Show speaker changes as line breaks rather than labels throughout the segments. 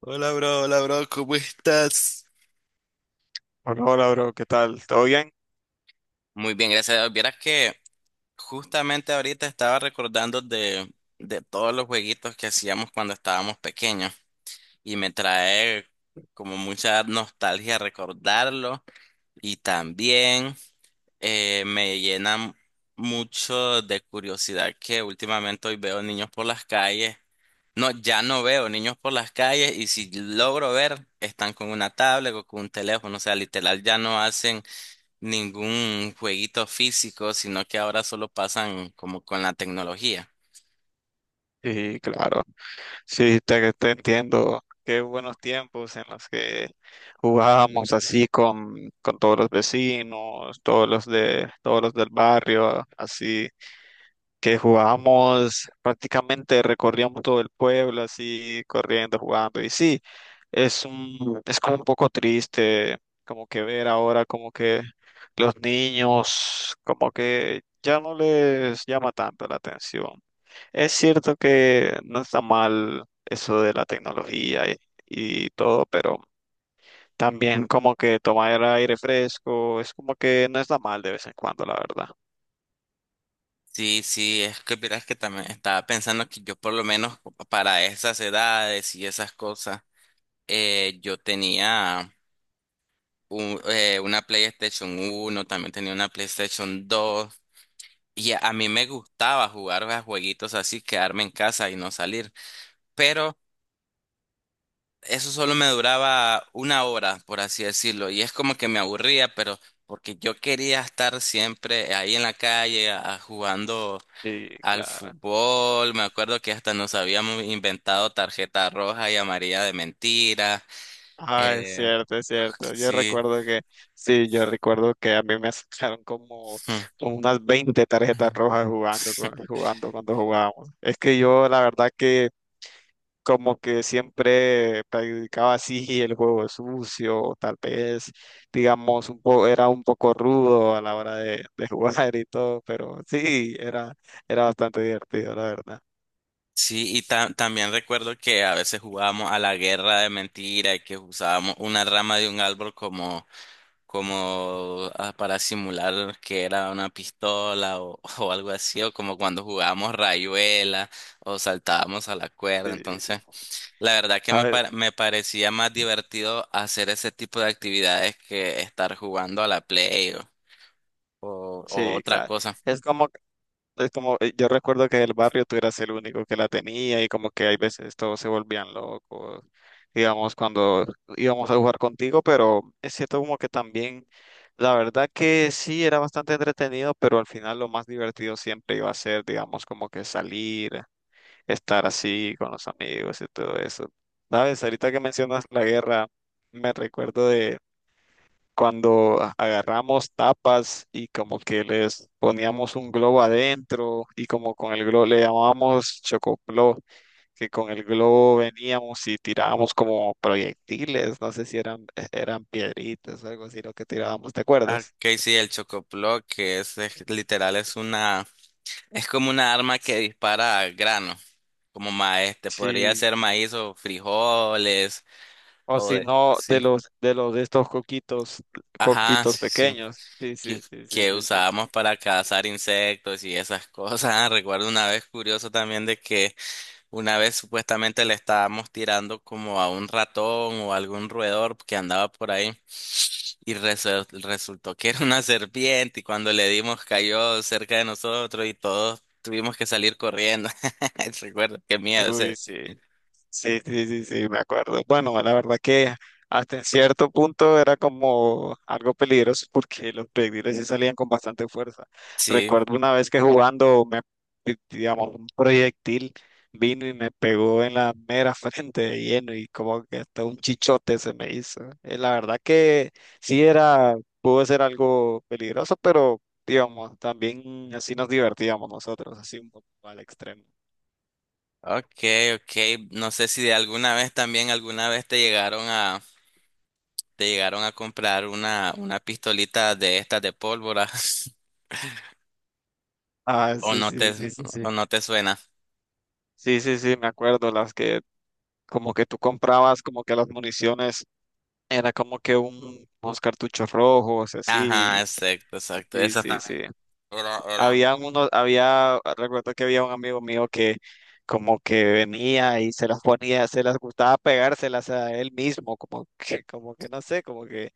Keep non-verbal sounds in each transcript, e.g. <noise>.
Hola, bro, ¿cómo estás?
Hola, hola, bro, ¿qué tal? ¿Todo bien?
Muy bien, gracias a Dios. Vieras que justamente ahorita estaba recordando de todos los jueguitos que hacíamos cuando estábamos pequeños y me trae como mucha nostalgia recordarlo. Y también me llena mucho de curiosidad que últimamente hoy veo niños por las calles. No, ya no veo niños por las calles, y si logro ver, están con una tablet o con un teléfono. O sea, literal, ya no hacen ningún jueguito físico, sino que ahora solo pasan como con la tecnología.
Sí, claro. Sí, te entiendo. Qué buenos tiempos en los que jugábamos así con todos los vecinos, todos los del barrio, así. Que jugábamos, prácticamente recorríamos todo el pueblo así, corriendo, jugando. Y sí, es como un poco triste, como que ver ahora como que los niños, como que ya no les llama tanto la atención. Es cierto que no está mal eso de la tecnología y todo, pero también como que tomar aire fresco, es como que no está mal de vez en cuando, la verdad.
Sí, sí, es que verás que también estaba pensando que yo, por lo menos para esas edades y esas cosas, yo tenía una PlayStation 1, también tenía una PlayStation 2, y a mí me gustaba jugar a jueguitos así, quedarme en casa y no salir. Pero eso solo me duraba una hora, por así decirlo, y es como que me aburría, pero porque yo quería estar siempre ahí en la calle jugando
Sí,
al
claro.
fútbol. Me acuerdo que hasta nos habíamos inventado tarjeta roja y amarilla de mentira.
Ah, es
Eh,
cierto, es cierto.
sí.
Sí, yo recuerdo que a mí me sacaron como
<laughs>
como unas 20 tarjetas rojas jugando, jugando cuando jugábamos. Es que yo la verdad que como que siempre practicaba así el juego sucio, tal vez, digamos, un poco, era un poco rudo a la hora de <laughs> jugar y todo, pero sí, era bastante divertido, la verdad.
Sí, y también recuerdo que a veces jugábamos a la guerra de mentira y que usábamos una rama de un árbol como para simular que era una pistola, o, <laughs> o algo así. O como cuando jugábamos rayuela o saltábamos a la cuerda.
Sí,
Entonces, la verdad que
¿sabes?
me parecía más divertido hacer ese tipo de actividades que estar jugando a la Play o
Sí,
otra
claro.
cosa.
Es como Es como, yo recuerdo que el barrio tú eras el único que la tenía y como que hay veces todos se volvían locos, digamos, cuando íbamos a jugar contigo, pero es cierto como que también, la verdad que sí, era bastante entretenido, pero al final lo más divertido siempre iba a ser, digamos, como que salir, estar así con los amigos y todo eso. ¿Sabes? Ahorita que mencionas la guerra, me recuerdo cuando agarramos tapas y como que les poníamos un globo adentro y como con el globo le llamábamos chocoplo, que con el globo veníamos y tirábamos como proyectiles, no sé si eran piedritas o algo así lo que tirábamos, ¿te
Ah,
acuerdas?
que sí, el chocoplo, que es literal, es una, es como una arma que dispara al grano, como maíz, te podría
Sí,
ser maíz o frijoles,
o
o
si
de,
no,
sí.
de los de estos coquitos,
Ajá,
coquitos
sí, sí.
pequeños. Sí,
Que,
sí, sí, sí,
que
sí, sí.
usábamos para cazar insectos y esas cosas. <laughs> Recuerdo una vez, curioso también, de que una vez supuestamente le estábamos tirando como a un ratón o algún roedor que andaba por ahí. Y resultó que era una serpiente, y cuando le dimos cayó cerca de nosotros y todos tuvimos que salir corriendo. <laughs> Recuerdo, qué miedo. O
Uy,
sea,
sí. Sí, sí, sí, sí, me acuerdo. Bueno, la verdad que hasta en cierto punto era como algo peligroso <laughs> porque los proyectiles sí salían con bastante fuerza.
sí.
Recuerdo una vez que digamos, un proyectil vino y me pegó en la mera <laughs> frente de lleno y como que hasta un chichote se me hizo. La verdad que sí era, pudo ser algo peligroso, pero digamos, también así nos divertíamos nosotros, así un poco al extremo.
Ok, ok. No sé si de alguna vez también, alguna vez te llegaron a ¿te llegaron a comprar una pistolita de estas de pólvora? <laughs>
Ah,
¿O
sí,
no
sí,
te,
sí, sí, sí.
o no te suena?
Sí, sí, sí, me acuerdo, las que como que tú comprabas como que las municiones era como que unos cartuchos rojos,
Ajá,
así.
exacto, exacto.
Sí,
Esa
sí,
también.
sí.
Era- era-
Había, recuerdo que había un amigo mío que como que venía y se las ponía, se las gustaba pegárselas a él mismo, como que no sé, como que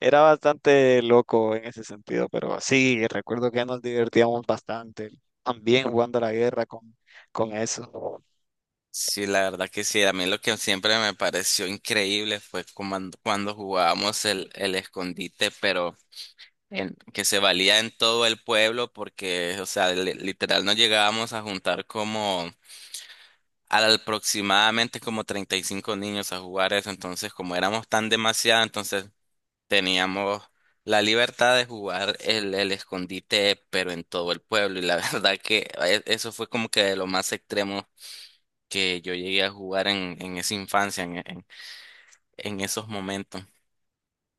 era bastante loco en ese sentido, pero sí, recuerdo que nos divertíamos bastante también jugando a la guerra con eso.
Sí, la verdad que sí. A mí lo que siempre me pareció increíble fue cuando jugábamos el escondite, pero que se valía en todo el pueblo, porque, o sea, literal nos llegábamos a juntar como aproximadamente como 35 niños a jugar eso. Entonces, como éramos tan demasiados, entonces teníamos la libertad de jugar el escondite, pero en todo el pueblo. Y la <laughs> verdad que eso fue como que de lo más extremo que yo llegué a jugar en esa infancia, en esos momentos.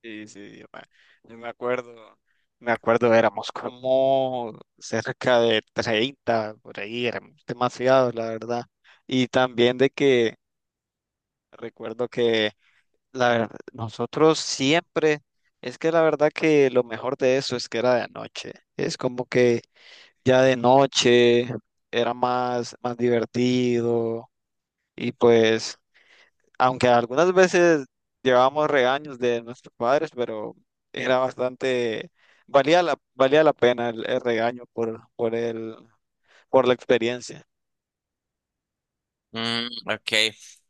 Sí, sí, yo me acuerdo, éramos como cerca de 30 por ahí, éramos demasiados, la verdad. Y también de que recuerdo que nosotros siempre, es que la verdad que lo mejor de eso es que era de noche. Es como que ya de noche era más divertido y pues aunque algunas veces llevábamos regaños de nuestros padres, pero era bastante, valía la pena el regaño por la experiencia.
Mm, ok.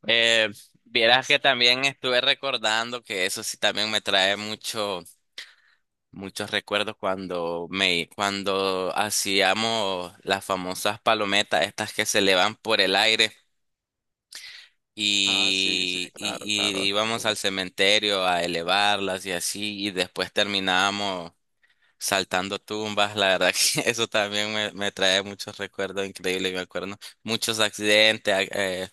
Eh, Vieras que también estuve recordando que eso sí también me trae muchos recuerdos cuando cuando hacíamos las famosas palometas, estas que se elevan por el aire,
Ah, sí, sí, claro,
y,
claro.
íbamos al cementerio a elevarlas y así, y después terminábamos saltando tumbas. La verdad que <laughs> eso también me trae muchos recuerdos increíbles, me acuerdo. Muchos accidentes,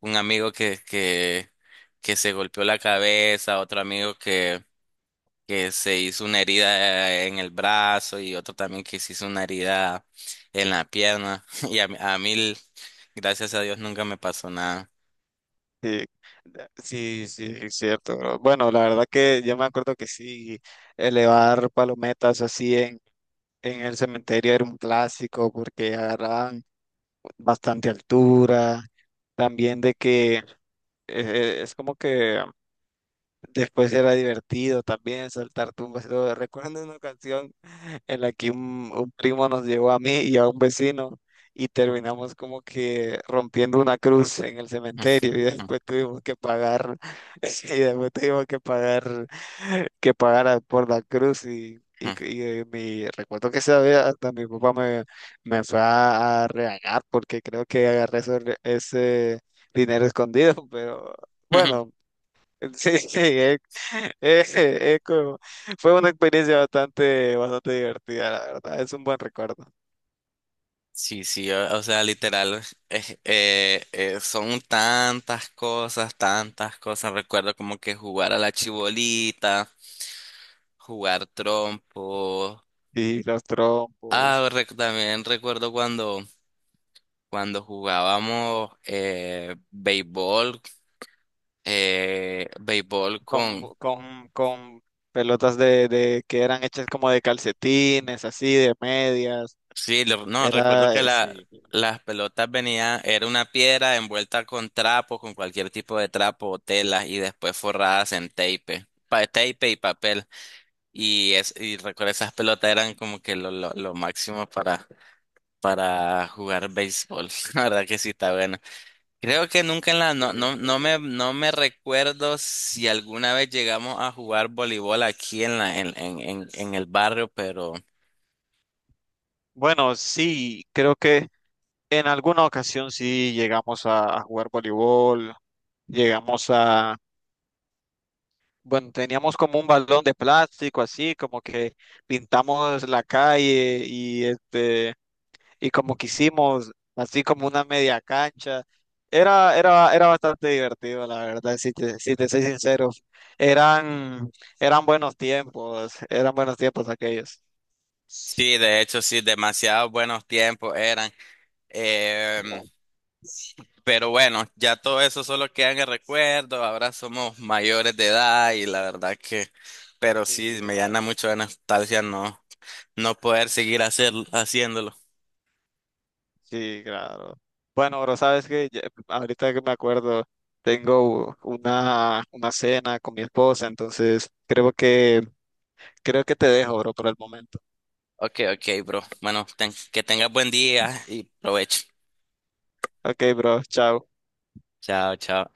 un amigo que se golpeó la cabeza, otro amigo que se hizo una herida en el brazo, y otro también que se hizo una herida en la pierna. <laughs> Y a mí, gracias a Dios, nunca me pasó nada.
Sí, sí, sí, es cierto, bro. Bueno, la verdad que yo me acuerdo que sí, elevar palometas en el cementerio era un clásico porque agarraban bastante altura. También de que es como que Después era divertido también saltar tumbas y todo. Recuerdo una ocasión en la que un primo nos llevó a mí y a un vecino y terminamos como que rompiendo una cruz en el cementerio y después tuvimos que pagar, <laughs> y después tuvimos que pagar por la cruz
<laughs>
recuerdo que esa vez hasta mi papá me fue a regañar porque creo que agarré ese dinero escondido, <laughs> pero bueno.
<laughs>
Sí, sí, eh, <laughs> eh, como- fue una experiencia bastante divertida, la verdad. Es un buen recuerdo.
Sí, sí, o sea, literal, son tantas cosas, tantas cosas. Recuerdo como que jugar a la chibolita, jugar trompo.
Y los
Ah,
trompos,
también recuerdo cuando jugábamos béisbol, eh, béisbol con,
con pelotas de que eran hechas como de calcetines, así, de medias.
Sí, lo- no, recuerdo que
Sí.
las pelotas venían, era una piedra envuelta con trapo, con cualquier tipo de trapo o tela, y después forradas en tape, tape y papel. Y, y recuerdo esas pelotas eran como que lo máximo para jugar béisbol. <laughs> La verdad que sí, está bueno. Creo que nunca en la, no,
eh,
no me recuerdo si alguna vez llegamos a jugar voleibol aquí en la, en el barrio.
bueno, sí, creo que en alguna ocasión sí llegamos a jugar voleibol. Llegamos a, bueno, teníamos como un balón de plástico así, como que pintamos la calle y este y como que hicimos así como una media cancha. Era bastante divertido, la verdad, si te soy sincero. Eran, eran buenos tiempos aquellos.
Sí, de hecho, sí, demasiados buenos tiempos eran. Em, pero bueno, ya todo eso solo queda en el recuerdo. Ahora somos mayores de edad y la verdad que, pero sí,
Sí,
me llena
claro,
mucho de nostalgia no no poder seguir haciéndolo.
sí, claro. Bueno, bro, sabes que ahorita que me acuerdo, tengo una cena con mi esposa, entonces creo que te dejo, bro, por el momento.
Ok, ok, bro. Bueno, que tengas buen día y provecho.
Ok, bro, chao.
Chao, chao.